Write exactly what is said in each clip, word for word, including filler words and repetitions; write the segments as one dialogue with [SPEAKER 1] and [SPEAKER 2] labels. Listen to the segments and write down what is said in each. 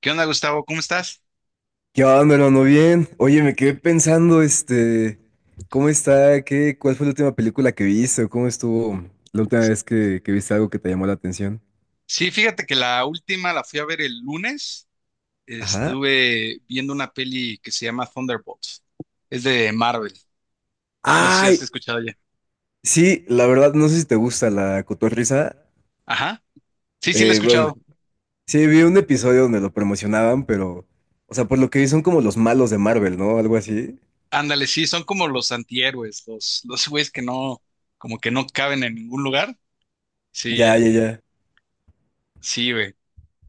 [SPEAKER 1] ¿Qué onda, Gustavo? ¿Cómo estás?
[SPEAKER 2] ¿Qué onda, hermano? Bien. Oye, me quedé pensando, este, ¿cómo está? ¿Qué, ¿cuál fue la última película que viste? ¿O ¿Cómo estuvo la última vez que, que viste algo que te llamó la atención?
[SPEAKER 1] Sí, fíjate que la última la fui a ver el lunes.
[SPEAKER 2] Ajá.
[SPEAKER 1] Estuve viendo una peli que se llama Thunderbolts. Es de Marvel. No sé si
[SPEAKER 2] Ay,
[SPEAKER 1] has escuchado ya.
[SPEAKER 2] sí, la verdad, no sé si te gusta la cotorrisa.
[SPEAKER 1] Ajá. Sí, sí, la he
[SPEAKER 2] Eh, bueno,
[SPEAKER 1] escuchado.
[SPEAKER 2] sí, vi un episodio donde lo promocionaban, pero, o sea, por lo que vi son como los malos de Marvel, ¿no? Algo así.
[SPEAKER 1] Ándale, sí, son como los antihéroes, los, los güeyes que no, como que no caben en ningún lugar. Sí,
[SPEAKER 2] Ya,
[SPEAKER 1] eh,
[SPEAKER 2] ya, ya.
[SPEAKER 1] sí, güey.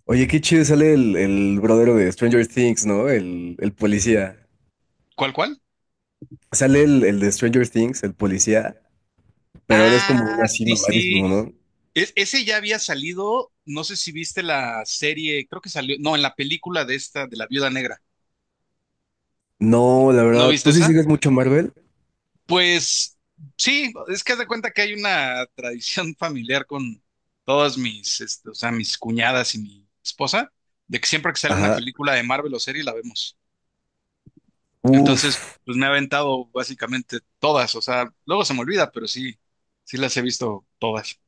[SPEAKER 2] Oye, qué chido sale el, el brother de Stranger Things, ¿no? El, el policía.
[SPEAKER 1] ¿Cuál, cuál?
[SPEAKER 2] Sale el, el de Stranger Things, el policía. Pero ahora es como
[SPEAKER 1] Ah,
[SPEAKER 2] uno así
[SPEAKER 1] sí, sí.
[SPEAKER 2] mamadísimo, ¿no?
[SPEAKER 1] Es- ese ya había salido. No sé si viste la serie, creo que salió. No, en la película de esta, de la Viuda Negra.
[SPEAKER 2] No, la
[SPEAKER 1] ¿No
[SPEAKER 2] verdad,
[SPEAKER 1] viste
[SPEAKER 2] ¿tú sí
[SPEAKER 1] esa?
[SPEAKER 2] sigues mucho Marvel?
[SPEAKER 1] Pues sí, es que haz de cuenta que hay una tradición familiar con todas mis, este, o sea, mis cuñadas y mi esposa, de que siempre que sale una
[SPEAKER 2] Ajá.
[SPEAKER 1] película de Marvel o serie la vemos. Entonces,
[SPEAKER 2] Uf.
[SPEAKER 1] pues me he aventado básicamente todas, o sea, luego se me olvida, pero sí, sí las he visto todas.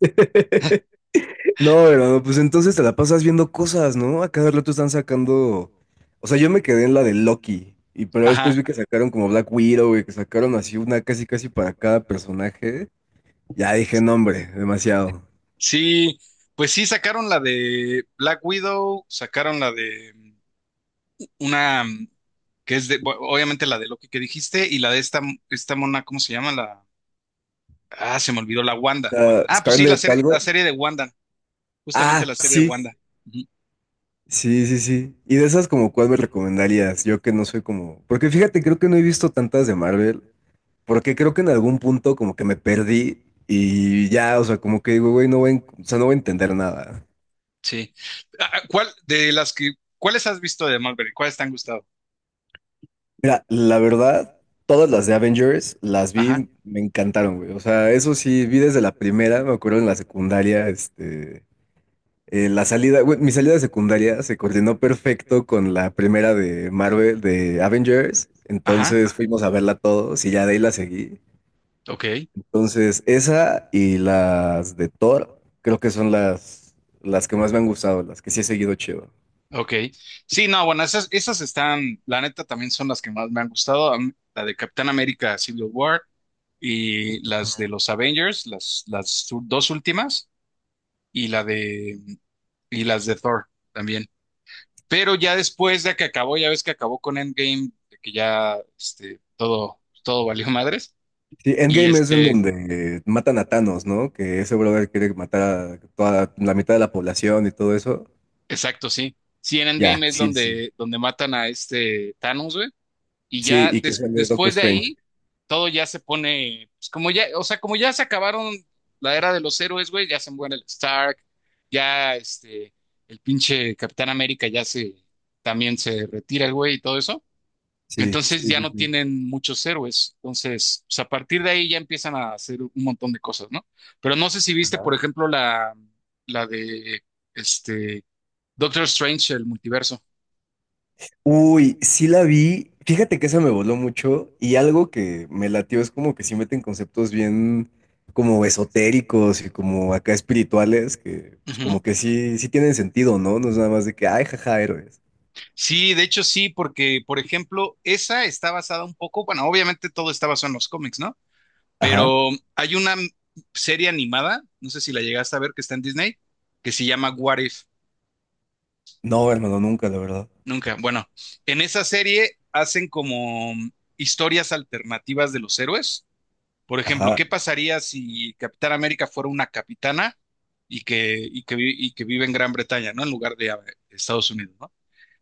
[SPEAKER 2] No, hermano, pues entonces te la pasas viendo cosas, ¿no? A cada rato están sacando. O sea, yo me quedé en la de Loki. Y pero después
[SPEAKER 1] Ajá,
[SPEAKER 2] vi que sacaron como Black Widow, y que sacaron así una casi casi para cada personaje. Ya dije, no, hombre, demasiado.
[SPEAKER 1] sí, pues sí sacaron la de Black Widow, sacaron la de mm, una mm, que es de, bu- obviamente la de Loki que dijiste y la de esta, esta mona, ¿cómo se llama? La Ah, se me olvidó la Wanda.
[SPEAKER 2] Ah,
[SPEAKER 1] Ah, pues sí, la
[SPEAKER 2] Scarlett
[SPEAKER 1] serie,
[SPEAKER 2] algo.
[SPEAKER 1] la serie de Wanda, justamente
[SPEAKER 2] Ah,
[SPEAKER 1] la serie de
[SPEAKER 2] sí.
[SPEAKER 1] Wanda. Ujú,
[SPEAKER 2] Sí, sí, sí. Y de esas como cuál me recomendarías, yo que no soy como. Porque fíjate, creo que no he visto tantas de Marvel. Porque creo que en algún punto como que me perdí y ya, o sea, como que digo, güey, no voy, a en- o sea, no voy a entender nada.
[SPEAKER 1] sí. Ah, ah, ¿Cuál de las que, cuáles has visto de Marvel? ¿Cuáles te han gustado?
[SPEAKER 2] Mira, la verdad, todas las de Avengers las
[SPEAKER 1] Ajá,
[SPEAKER 2] vi, me encantaron, güey. O sea, eso sí, vi desde la primera, me acuerdo en la secundaria, este, eh, la salida, güey, mi salida de secundaria se coordinó perfecto con la primera de Marvel, de Avengers.
[SPEAKER 1] ajá,
[SPEAKER 2] Entonces fuimos a verla todos y ya de ahí la seguí.
[SPEAKER 1] ok,
[SPEAKER 2] Entonces, esa y las de Thor, creo que son las, las que más me han gustado, las que sí he seguido chido.
[SPEAKER 1] ok. Sí, no, bueno, esas, esas están, la neta, también son las que más me han gustado. A mí, la de Capitán América Civil War y las de los Avengers, las, las u- dos últimas, y la de, y las de Thor también. Pero ya después de que acabó, ya ves que acabó con Endgame, de que ya este, todo, todo valió madres.
[SPEAKER 2] Sí,
[SPEAKER 1] Y
[SPEAKER 2] Endgame es en
[SPEAKER 1] este,
[SPEAKER 2] donde matan a Thanos, ¿no? Que ese brother quiere matar a toda la mitad de la población y todo eso.
[SPEAKER 1] exacto, sí. Sí, en
[SPEAKER 2] Ya,
[SPEAKER 1] Endgame es
[SPEAKER 2] sí, sí.
[SPEAKER 1] donde, donde matan a este Thanos, güey. Y
[SPEAKER 2] Sí,
[SPEAKER 1] ya
[SPEAKER 2] y que
[SPEAKER 1] des-
[SPEAKER 2] sale Doctor
[SPEAKER 1] después de
[SPEAKER 2] Strange.
[SPEAKER 1] ahí, todo ya se pone, pues, como ya, o sea, como ya se acabaron la era de los héroes, güey, ya se muere el Stark, ya este, el pinche Capitán América ya se, también se retira el güey y todo eso.
[SPEAKER 2] Sí, sí,
[SPEAKER 1] Entonces ya
[SPEAKER 2] sí,
[SPEAKER 1] no
[SPEAKER 2] sí.
[SPEAKER 1] tienen muchos héroes. Entonces, pues, a partir de ahí ya empiezan a hacer un montón de cosas, ¿no? Pero no sé si viste,
[SPEAKER 2] Ajá.
[SPEAKER 1] por ejemplo, la, la de este Doctor Strange, el multiverso.
[SPEAKER 2] Uy, sí la vi. Fíjate que esa me voló mucho y algo que me latió es como que sí meten conceptos bien como esotéricos y como acá espirituales que pues como
[SPEAKER 1] Ujú.
[SPEAKER 2] que sí, sí tienen sentido, ¿no? No es nada más de que, ay, jaja, héroes.
[SPEAKER 1] Sí, de hecho sí, porque, por ejemplo, esa está basada un poco, bueno, obviamente todo está basado en los cómics, ¿no?
[SPEAKER 2] Ajá.
[SPEAKER 1] Pero hay una m- serie animada, no sé si la llegaste a ver, que está en Disney, que se llama What If.
[SPEAKER 2] No, hermano, nunca, la verdad.
[SPEAKER 1] Nunca. Bueno, en esa serie hacen como mm, historias alternativas de los héroes. Por ejemplo,
[SPEAKER 2] Ajá.
[SPEAKER 1] ¿qué pasaría si Capitán América fuera una capitana y que, y que, vi- y que vive en Gran Bretaña, ¿no? En lugar de eh, Estados Unidos, ¿no?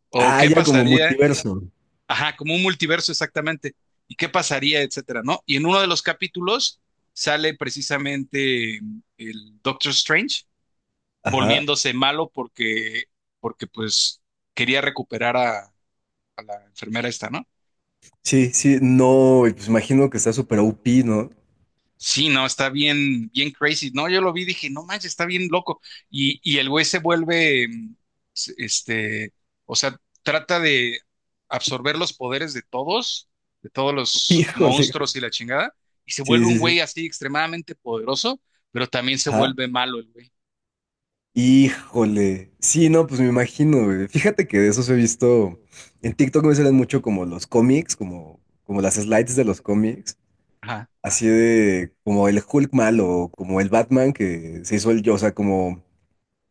[SPEAKER 1] O
[SPEAKER 2] Ah,
[SPEAKER 1] qué
[SPEAKER 2] ya como
[SPEAKER 1] pasaría,
[SPEAKER 2] multiverso.
[SPEAKER 1] ajá, como un multiverso exactamente, y qué pasaría, etcétera, ¿no? Y en uno de los capítulos sale precisamente mm, el Doctor Strange
[SPEAKER 2] Ajá.
[SPEAKER 1] volviéndose malo porque, porque, pues quería recuperar a, a la enfermera esta, ¿no?
[SPEAKER 2] Sí, sí, no, y pues imagino que está súper O P, ¿no?
[SPEAKER 1] Sí, no, está bien, bien crazy. No, yo lo vi, dije, no manches, está bien loco. Y, y el güey se vuelve, mm, s- este, o sea, trata de absorber los poderes de todos, de todos los
[SPEAKER 2] Híjole. güey.
[SPEAKER 1] monstruos y la chingada, y se
[SPEAKER 2] Sí,
[SPEAKER 1] vuelve un
[SPEAKER 2] sí,
[SPEAKER 1] güey
[SPEAKER 2] sí.
[SPEAKER 1] así extremadamente poderoso, pero también se
[SPEAKER 2] Ajá.
[SPEAKER 1] vuelve malo el güey.
[SPEAKER 2] Híjole. Sí, no, pues me imagino, güey. Fíjate que de esos he visto. En TikTok me salen mucho como los cómics, como, como las slides de los cómics.
[SPEAKER 1] Ajá,
[SPEAKER 2] Así de como el Hulk malo, o como el Batman que se hizo el yo, o sea, como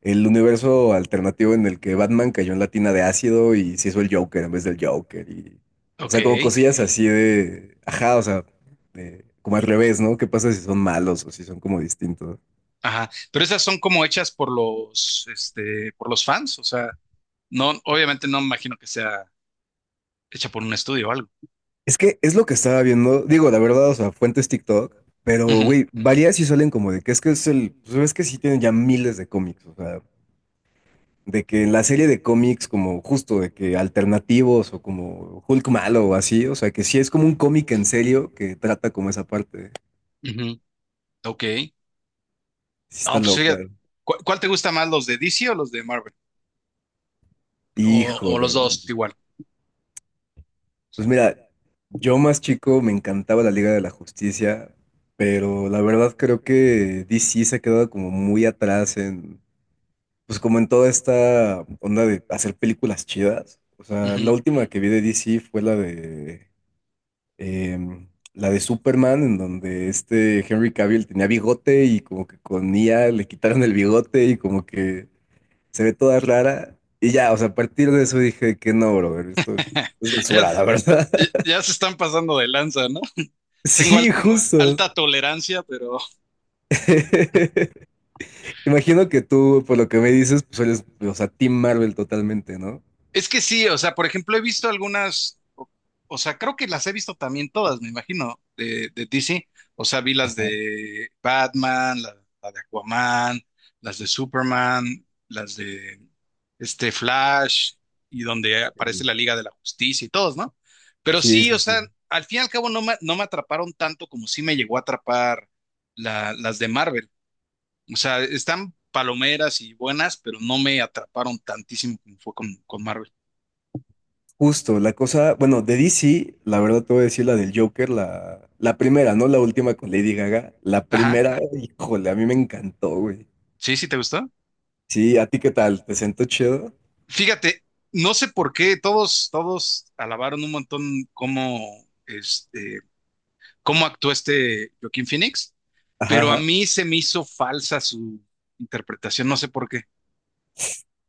[SPEAKER 2] el universo alternativo en el que Batman cayó en la tina de ácido y se hizo el Joker en vez del Joker. Y, o
[SPEAKER 1] ok,
[SPEAKER 2] sea, como cosillas así de. Ajá, o sea, de- como al revés, ¿no? ¿Qué pasa si son malos o si son como distintos?
[SPEAKER 1] ajá. Pero esas son como hechas por los, este, por los fans, o sea, no, obviamente no me imagino que sea hecha por un estudio o algo.
[SPEAKER 2] Es que es lo que estaba viendo, digo, la verdad, o sea, fuentes TikTok, pero,
[SPEAKER 1] Ujú,
[SPEAKER 2] güey, varias sí salen como de que es que es el, pues ves que sí tienen ya miles de cómics, o sea, de que la serie de cómics como justo de que alternativos o como Hulk malo o así, o sea, que sí es como un cómic en serio que trata como esa parte,
[SPEAKER 1] ujú, ok.
[SPEAKER 2] sí
[SPEAKER 1] No,
[SPEAKER 2] está
[SPEAKER 1] pues
[SPEAKER 2] loco,
[SPEAKER 1] fíjate,
[SPEAKER 2] güey.
[SPEAKER 1] ¿cu- ¿cuál te gusta más, los de D C o los de Marvel? O, o los
[SPEAKER 2] híjole,
[SPEAKER 1] dos
[SPEAKER 2] güey.
[SPEAKER 1] igual.
[SPEAKER 2] pues mira, yo más chico me encantaba la Liga de la Justicia, pero la verdad creo que D C se ha quedado como muy atrás en pues como en toda esta onda de hacer películas chidas. O sea, la
[SPEAKER 1] Ujú.
[SPEAKER 2] última que vi de D C fue la de em, la de Superman, en donde este Henry Cavill tenía bigote y como que con I A le quitaron el bigote y como que se ve toda rara. Y ya, o sea, a partir de eso dije que no, brother, esto es, es
[SPEAKER 1] Ya,
[SPEAKER 2] basura,
[SPEAKER 1] s-
[SPEAKER 2] la verdad.
[SPEAKER 1] ya se están pasando de lanza, ¿no? Tengo al-
[SPEAKER 2] Sí, justo.
[SPEAKER 1] alta tolerancia, pero.
[SPEAKER 2] Imagino que tú, por lo que me dices, pues eres, o sea, Team Marvel totalmente, ¿no?
[SPEAKER 1] Es que sí, o sea, por ejemplo, he visto algunas, o, o sea, creo que las he visto también todas, me imagino, de, de, D C. O sea, vi las de Batman, la, la de Aquaman, las de Superman, las de este Flash, y donde aparece
[SPEAKER 2] Sí,
[SPEAKER 1] la Liga de la Justicia y todos, ¿no? Pero
[SPEAKER 2] sí,
[SPEAKER 1] sí, o
[SPEAKER 2] sí.
[SPEAKER 1] sea, al fin y al cabo no me, no me, atraparon tanto como sí me llegó a atrapar la- las de Marvel. O sea, están palomeras y buenas, pero no me atraparon tantísimo como fue con, con Marvel.
[SPEAKER 2] Justo, la cosa, bueno, de D C, la verdad te voy a decir la del Joker, la, la primera, no la última con Lady Gaga, la
[SPEAKER 1] Ajá.
[SPEAKER 2] primera, híjole, a mí me encantó, güey.
[SPEAKER 1] Sí, sí, ¿te gustó?
[SPEAKER 2] Sí, ¿a ti qué tal? ¿Te sentó chido?
[SPEAKER 1] Fíjate, no sé por qué todos, todos alabaron un montón cómo, este, cómo actuó este Joaquín Phoenix,
[SPEAKER 2] Ajá,
[SPEAKER 1] pero a
[SPEAKER 2] ajá.
[SPEAKER 1] mí se me hizo falsa su interpretación, no sé por qué.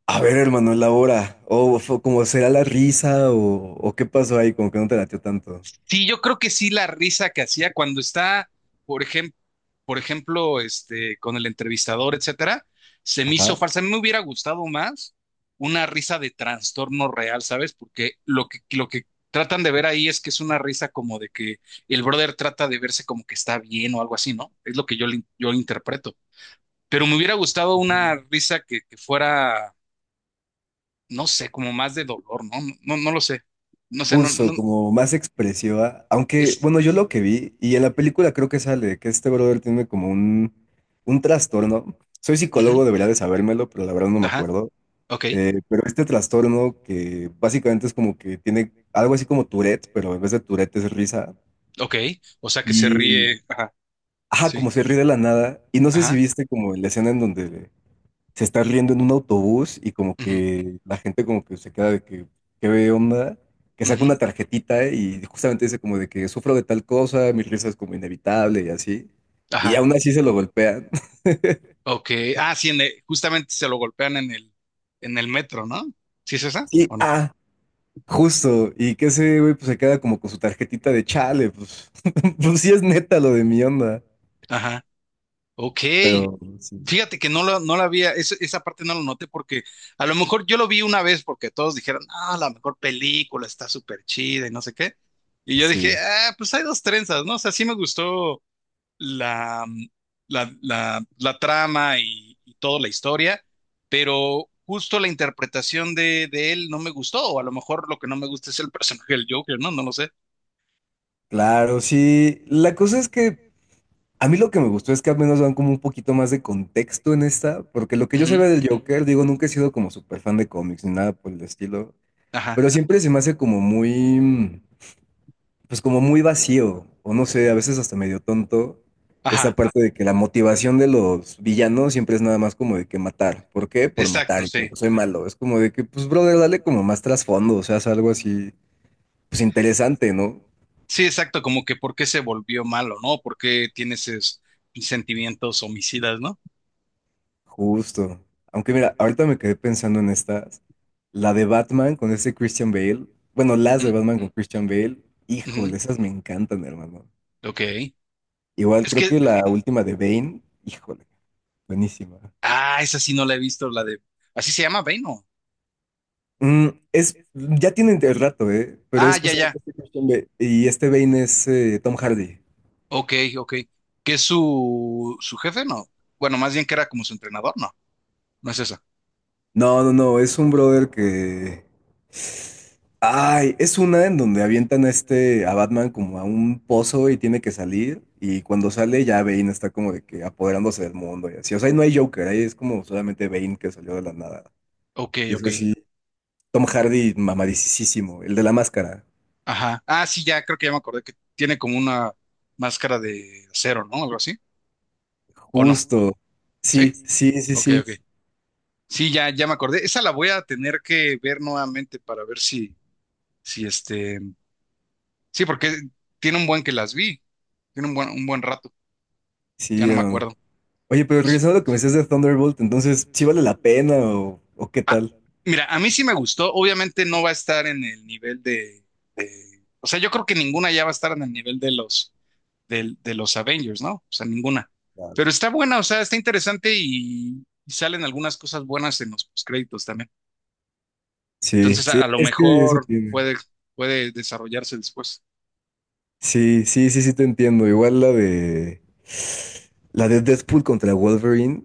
[SPEAKER 2] A ver, hermano, la hora, o fue como será la risa, o, o qué pasó ahí, como que no te latió tanto.
[SPEAKER 1] Sí, yo creo que sí la risa que hacía cuando está, por ejemplo, por ejemplo, este, con el entrevistador, etcétera, se me hizo
[SPEAKER 2] Ajá.
[SPEAKER 1] falsa. A mí me hubiera gustado más una risa de trastorno real, ¿sabes? Porque lo que, lo que tratan de ver ahí es que es una risa como de que el brother trata de verse como que está bien o algo así, ¿no? Es lo que yo, le- yo interpreto. Pero me hubiera gustado
[SPEAKER 2] Ujú.
[SPEAKER 1] una risa que, que fuera, no sé, como más de dolor, ¿no? No, no, no lo sé. No sé, no,
[SPEAKER 2] Justo,
[SPEAKER 1] no,
[SPEAKER 2] como más expresiva, aunque,
[SPEAKER 1] es,
[SPEAKER 2] bueno, yo lo que vi, y en la película creo que sale, que este brother tiene como un, un trastorno. Soy
[SPEAKER 1] ujú,
[SPEAKER 2] psicólogo, debería de sabérmelo, pero la verdad no me
[SPEAKER 1] ajá,
[SPEAKER 2] acuerdo.
[SPEAKER 1] ok.
[SPEAKER 2] Eh, pero este trastorno que básicamente es como que tiene algo así como Tourette, pero en vez de Tourette es risa.
[SPEAKER 1] Ok, o sea que se
[SPEAKER 2] Y,
[SPEAKER 1] ríe. Ajá,
[SPEAKER 2] ajá,
[SPEAKER 1] sí.
[SPEAKER 2] como se ríe de la nada. Y no sé si
[SPEAKER 1] Ajá.
[SPEAKER 2] viste como la escena en donde se está riendo en un autobús y como
[SPEAKER 1] Ujú,
[SPEAKER 2] que la gente como que se queda de que, ¿qué ve onda? Que saca
[SPEAKER 1] ujú,
[SPEAKER 2] una tarjetita y justamente dice como de que sufro de tal cosa, mi risa es como inevitable y así. Y
[SPEAKER 1] ajá.
[SPEAKER 2] aún así se lo golpean.
[SPEAKER 1] Ok. Ah, sí, en el- justamente se lo golpean en el, en el metro, ¿no? ¿Sí es esa?
[SPEAKER 2] Sí,
[SPEAKER 1] ¿O no?
[SPEAKER 2] ah, Justo, y que ese güey pues se queda como con su tarjetita de chale, pues, pues sí es neta lo de mi onda,
[SPEAKER 1] Ajá. Ok.
[SPEAKER 2] pero sí,
[SPEAKER 1] Fíjate que no lo, no la había, eso- esa parte no lo noté porque a lo mejor yo lo vi una vez porque todos dijeron, ah, la mejor película está súper chida y no sé qué. Y yo dije,
[SPEAKER 2] sí,
[SPEAKER 1] ah, pues hay dos trenzas, ¿no? O sea, sí me gustó la, mm, la, la- la trama y, y, toda la historia, pero justo la interpretación de, de él no me gustó, o a lo mejor lo que no me gusta es el personaje del Joker, ¿no? No lo sé.
[SPEAKER 2] claro, sí, la cosa es que a mí lo que me gustó es que al menos dan como un poquito más de contexto en esta, porque lo que yo
[SPEAKER 1] Ujú,
[SPEAKER 2] sabía del Joker, digo, nunca he sido como súper fan de cómics ni nada por el estilo,
[SPEAKER 1] ajá,
[SPEAKER 2] pero siempre se me hace como muy, mm, pues como muy vacío, o no sé, a veces hasta medio tonto, esta
[SPEAKER 1] ajá,
[SPEAKER 2] parte de que la motivación de los villanos siempre es nada más como de que matar. ¿Por qué? Por
[SPEAKER 1] exacto,
[SPEAKER 2] matar y
[SPEAKER 1] sí.
[SPEAKER 2] porque soy malo. Es como de que, pues, brother, dale como más trasfondo, o sea, haz algo así, pues interesante, ¿no?
[SPEAKER 1] Sí, exacto, como que por qué se volvió malo, ¿no? ¿Por qué tiene esos sentimientos homicidas, no?
[SPEAKER 2] Justo. Aunque mira, ahorita me quedé pensando en estas. La de Batman con ese Christian Bale. Bueno, las de
[SPEAKER 1] Ujú,
[SPEAKER 2] Batman con Christian Bale.
[SPEAKER 1] ujú,
[SPEAKER 2] Híjole, esas me encantan, hermano.
[SPEAKER 1] ok.
[SPEAKER 2] Igual
[SPEAKER 1] Es
[SPEAKER 2] creo
[SPEAKER 1] que,
[SPEAKER 2] que la última de Bane, híjole, buenísima.
[SPEAKER 1] ah, esa sí no la he visto, la de. Así se llama Bane, ¿no?
[SPEAKER 2] Mm, es, ya tienen el rato, ¿eh? Pero
[SPEAKER 1] Ah,
[SPEAKER 2] es
[SPEAKER 1] ya, ya.
[SPEAKER 2] justamente este Christian Bale. Y este Bane es eh, Tom Hardy.
[SPEAKER 1] Ok, ok. ¿Qué es su, su jefe? No. Bueno, más bien que era como su entrenador, no. No es esa.
[SPEAKER 2] No, no, no, es un brother que... Ay, es una en donde avientan a este, a Batman como a un pozo y tiene que salir. Y cuando sale ya Bane está como de que apoderándose del mundo y así. O sea, ahí no hay Joker, ahí es como solamente Bane que salió de la nada.
[SPEAKER 1] Ok,
[SPEAKER 2] Y es
[SPEAKER 1] ok.
[SPEAKER 2] así, Tom Hardy mamadisísimo, el de la máscara.
[SPEAKER 1] Ajá. Ah, sí, ya creo que ya me acordé que tiene como una máscara de acero, ¿no? Algo así. ¿O no?
[SPEAKER 2] Justo.
[SPEAKER 1] ¿Sí?
[SPEAKER 2] Sí, sí, sí,
[SPEAKER 1] Ok,
[SPEAKER 2] sí.
[SPEAKER 1] ok. Sí, ya, ya me acordé. Esa la voy a tener que ver nuevamente para ver si, si, este. Sí, porque tiene un buen que las vi. Tiene un buen, un buen rato. Ya
[SPEAKER 2] Sí.
[SPEAKER 1] no me acuerdo.
[SPEAKER 2] Oye, pero regresando a lo que me decías de Thunderbolt, entonces, ¿sí vale la pena o, o qué
[SPEAKER 1] Ah,
[SPEAKER 2] tal?
[SPEAKER 1] mira, a mí sí me gustó. Obviamente no va a estar en el nivel de, de- o sea, yo creo que ninguna ya va a estar en el nivel de los, del- de, los Avengers, ¿no? O sea, ninguna.
[SPEAKER 2] Claro.
[SPEAKER 1] Pero está buena, o sea, está interesante y, y, salen algunas cosas buenas en los créditos también.
[SPEAKER 2] Sí,
[SPEAKER 1] Entonces,
[SPEAKER 2] sí,
[SPEAKER 1] a, a lo
[SPEAKER 2] es que eso
[SPEAKER 1] mejor
[SPEAKER 2] tiene.
[SPEAKER 1] puede, puede desarrollarse después.
[SPEAKER 2] Sí, sí, sí, sí te entiendo. Igual la de la de Deadpool contra Wolverine,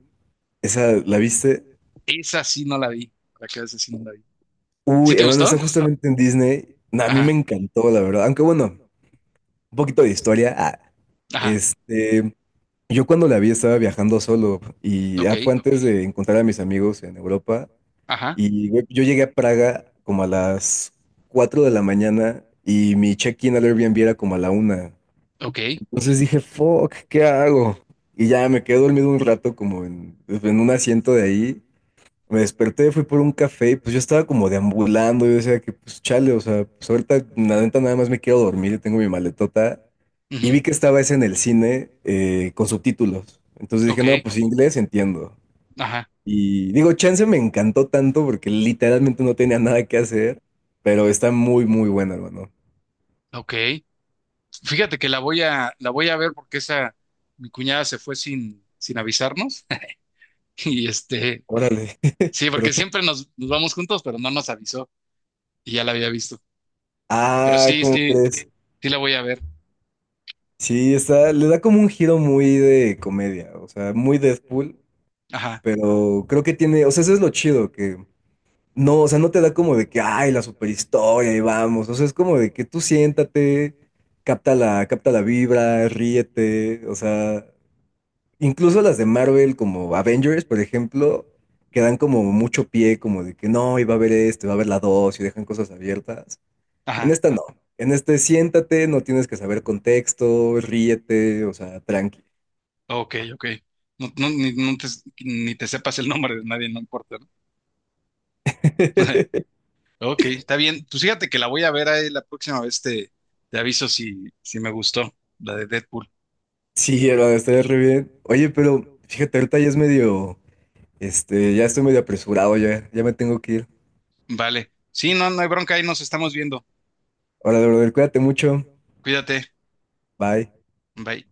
[SPEAKER 2] esa la viste.
[SPEAKER 1] Esa sí no la vi. Para que esa sí no la vi. ¿Sí
[SPEAKER 2] Uy,
[SPEAKER 1] te
[SPEAKER 2] hermano, está
[SPEAKER 1] gustó?
[SPEAKER 2] justamente en Disney. Nah, a mí me
[SPEAKER 1] Ajá,
[SPEAKER 2] encantó, la verdad. Aunque bueno, un poquito de historia. Ah,
[SPEAKER 1] ajá,
[SPEAKER 2] este, yo cuando la vi estaba viajando solo y
[SPEAKER 1] ok,
[SPEAKER 2] ya fue antes de encontrar a mis amigos en Europa.
[SPEAKER 1] ajá,
[SPEAKER 2] Y güey, yo llegué a Praga como a las cuatro de la mañana y mi check-in al Airbnb era como a la una.
[SPEAKER 1] ok,
[SPEAKER 2] Entonces dije, fuck, ¿qué hago? Y ya me quedé dormido un rato como en, en un asiento de ahí me desperté, fui por un café y pues yo estaba como deambulando. Yo decía que pues chale, o sea, pues ahorita la neta nada más me quiero dormir, yo tengo mi maletota. Y
[SPEAKER 1] ujú,
[SPEAKER 2] vi que estaba ese en el cine eh, con subtítulos. Entonces dije,
[SPEAKER 1] ok,
[SPEAKER 2] no, pues inglés entiendo.
[SPEAKER 1] ajá,
[SPEAKER 2] Y digo, chance me encantó tanto porque literalmente no tenía nada que hacer, pero está muy, muy buena, hermano.
[SPEAKER 1] ok. Fíjate que la voy a, la voy a ver porque esa, mi cuñada se fue sin, sin, avisarnos. Y este,
[SPEAKER 2] Órale,
[SPEAKER 1] sí,
[SPEAKER 2] pero...
[SPEAKER 1] porque siempre nos, nos vamos juntos, pero no nos avisó y ya la había visto. Pero
[SPEAKER 2] Ah,
[SPEAKER 1] sí,
[SPEAKER 2] ¿cómo
[SPEAKER 1] sí,
[SPEAKER 2] crees?
[SPEAKER 1] sí la voy a ver.
[SPEAKER 2] Sí, está, le da como un giro muy de comedia, o sea, muy Deadpool,
[SPEAKER 1] Ajá,
[SPEAKER 2] pero creo que tiene, o sea, eso es lo chido, que No, o sea, no te da como de que, ay, la superhistoria, y vamos. O sea, es como de que tú siéntate, capta la, capta la vibra, ríete. O sea, incluso las de Marvel, como Avengers, por ejemplo, que dan como mucho pie, como de que no, iba a haber este, va a haber la dos, y dejan cosas abiertas. En
[SPEAKER 1] ajá.
[SPEAKER 2] esta no. En este siéntate, no tienes que saber contexto, ríete, o sea, tranqui.
[SPEAKER 1] Ok, ok. No, no, ni, no te, ni te sepas el nombre de nadie, no importa, ¿no? Ok, está bien. Pues fíjate que la voy a ver ahí la próxima vez, te, te aviso si, si me gustó, la de Deadpool.
[SPEAKER 2] Sí, hermano, estaría re bien. Oye, pero fíjate, ahorita ya es medio. Este, ya estoy medio apresurado, ya, ya me tengo que ir.
[SPEAKER 1] Vale. Sí, no, no hay bronca, ahí nos estamos viendo.
[SPEAKER 2] Hola, brother, cuídate mucho.
[SPEAKER 1] Cuídate.
[SPEAKER 2] Bye.
[SPEAKER 1] Bye.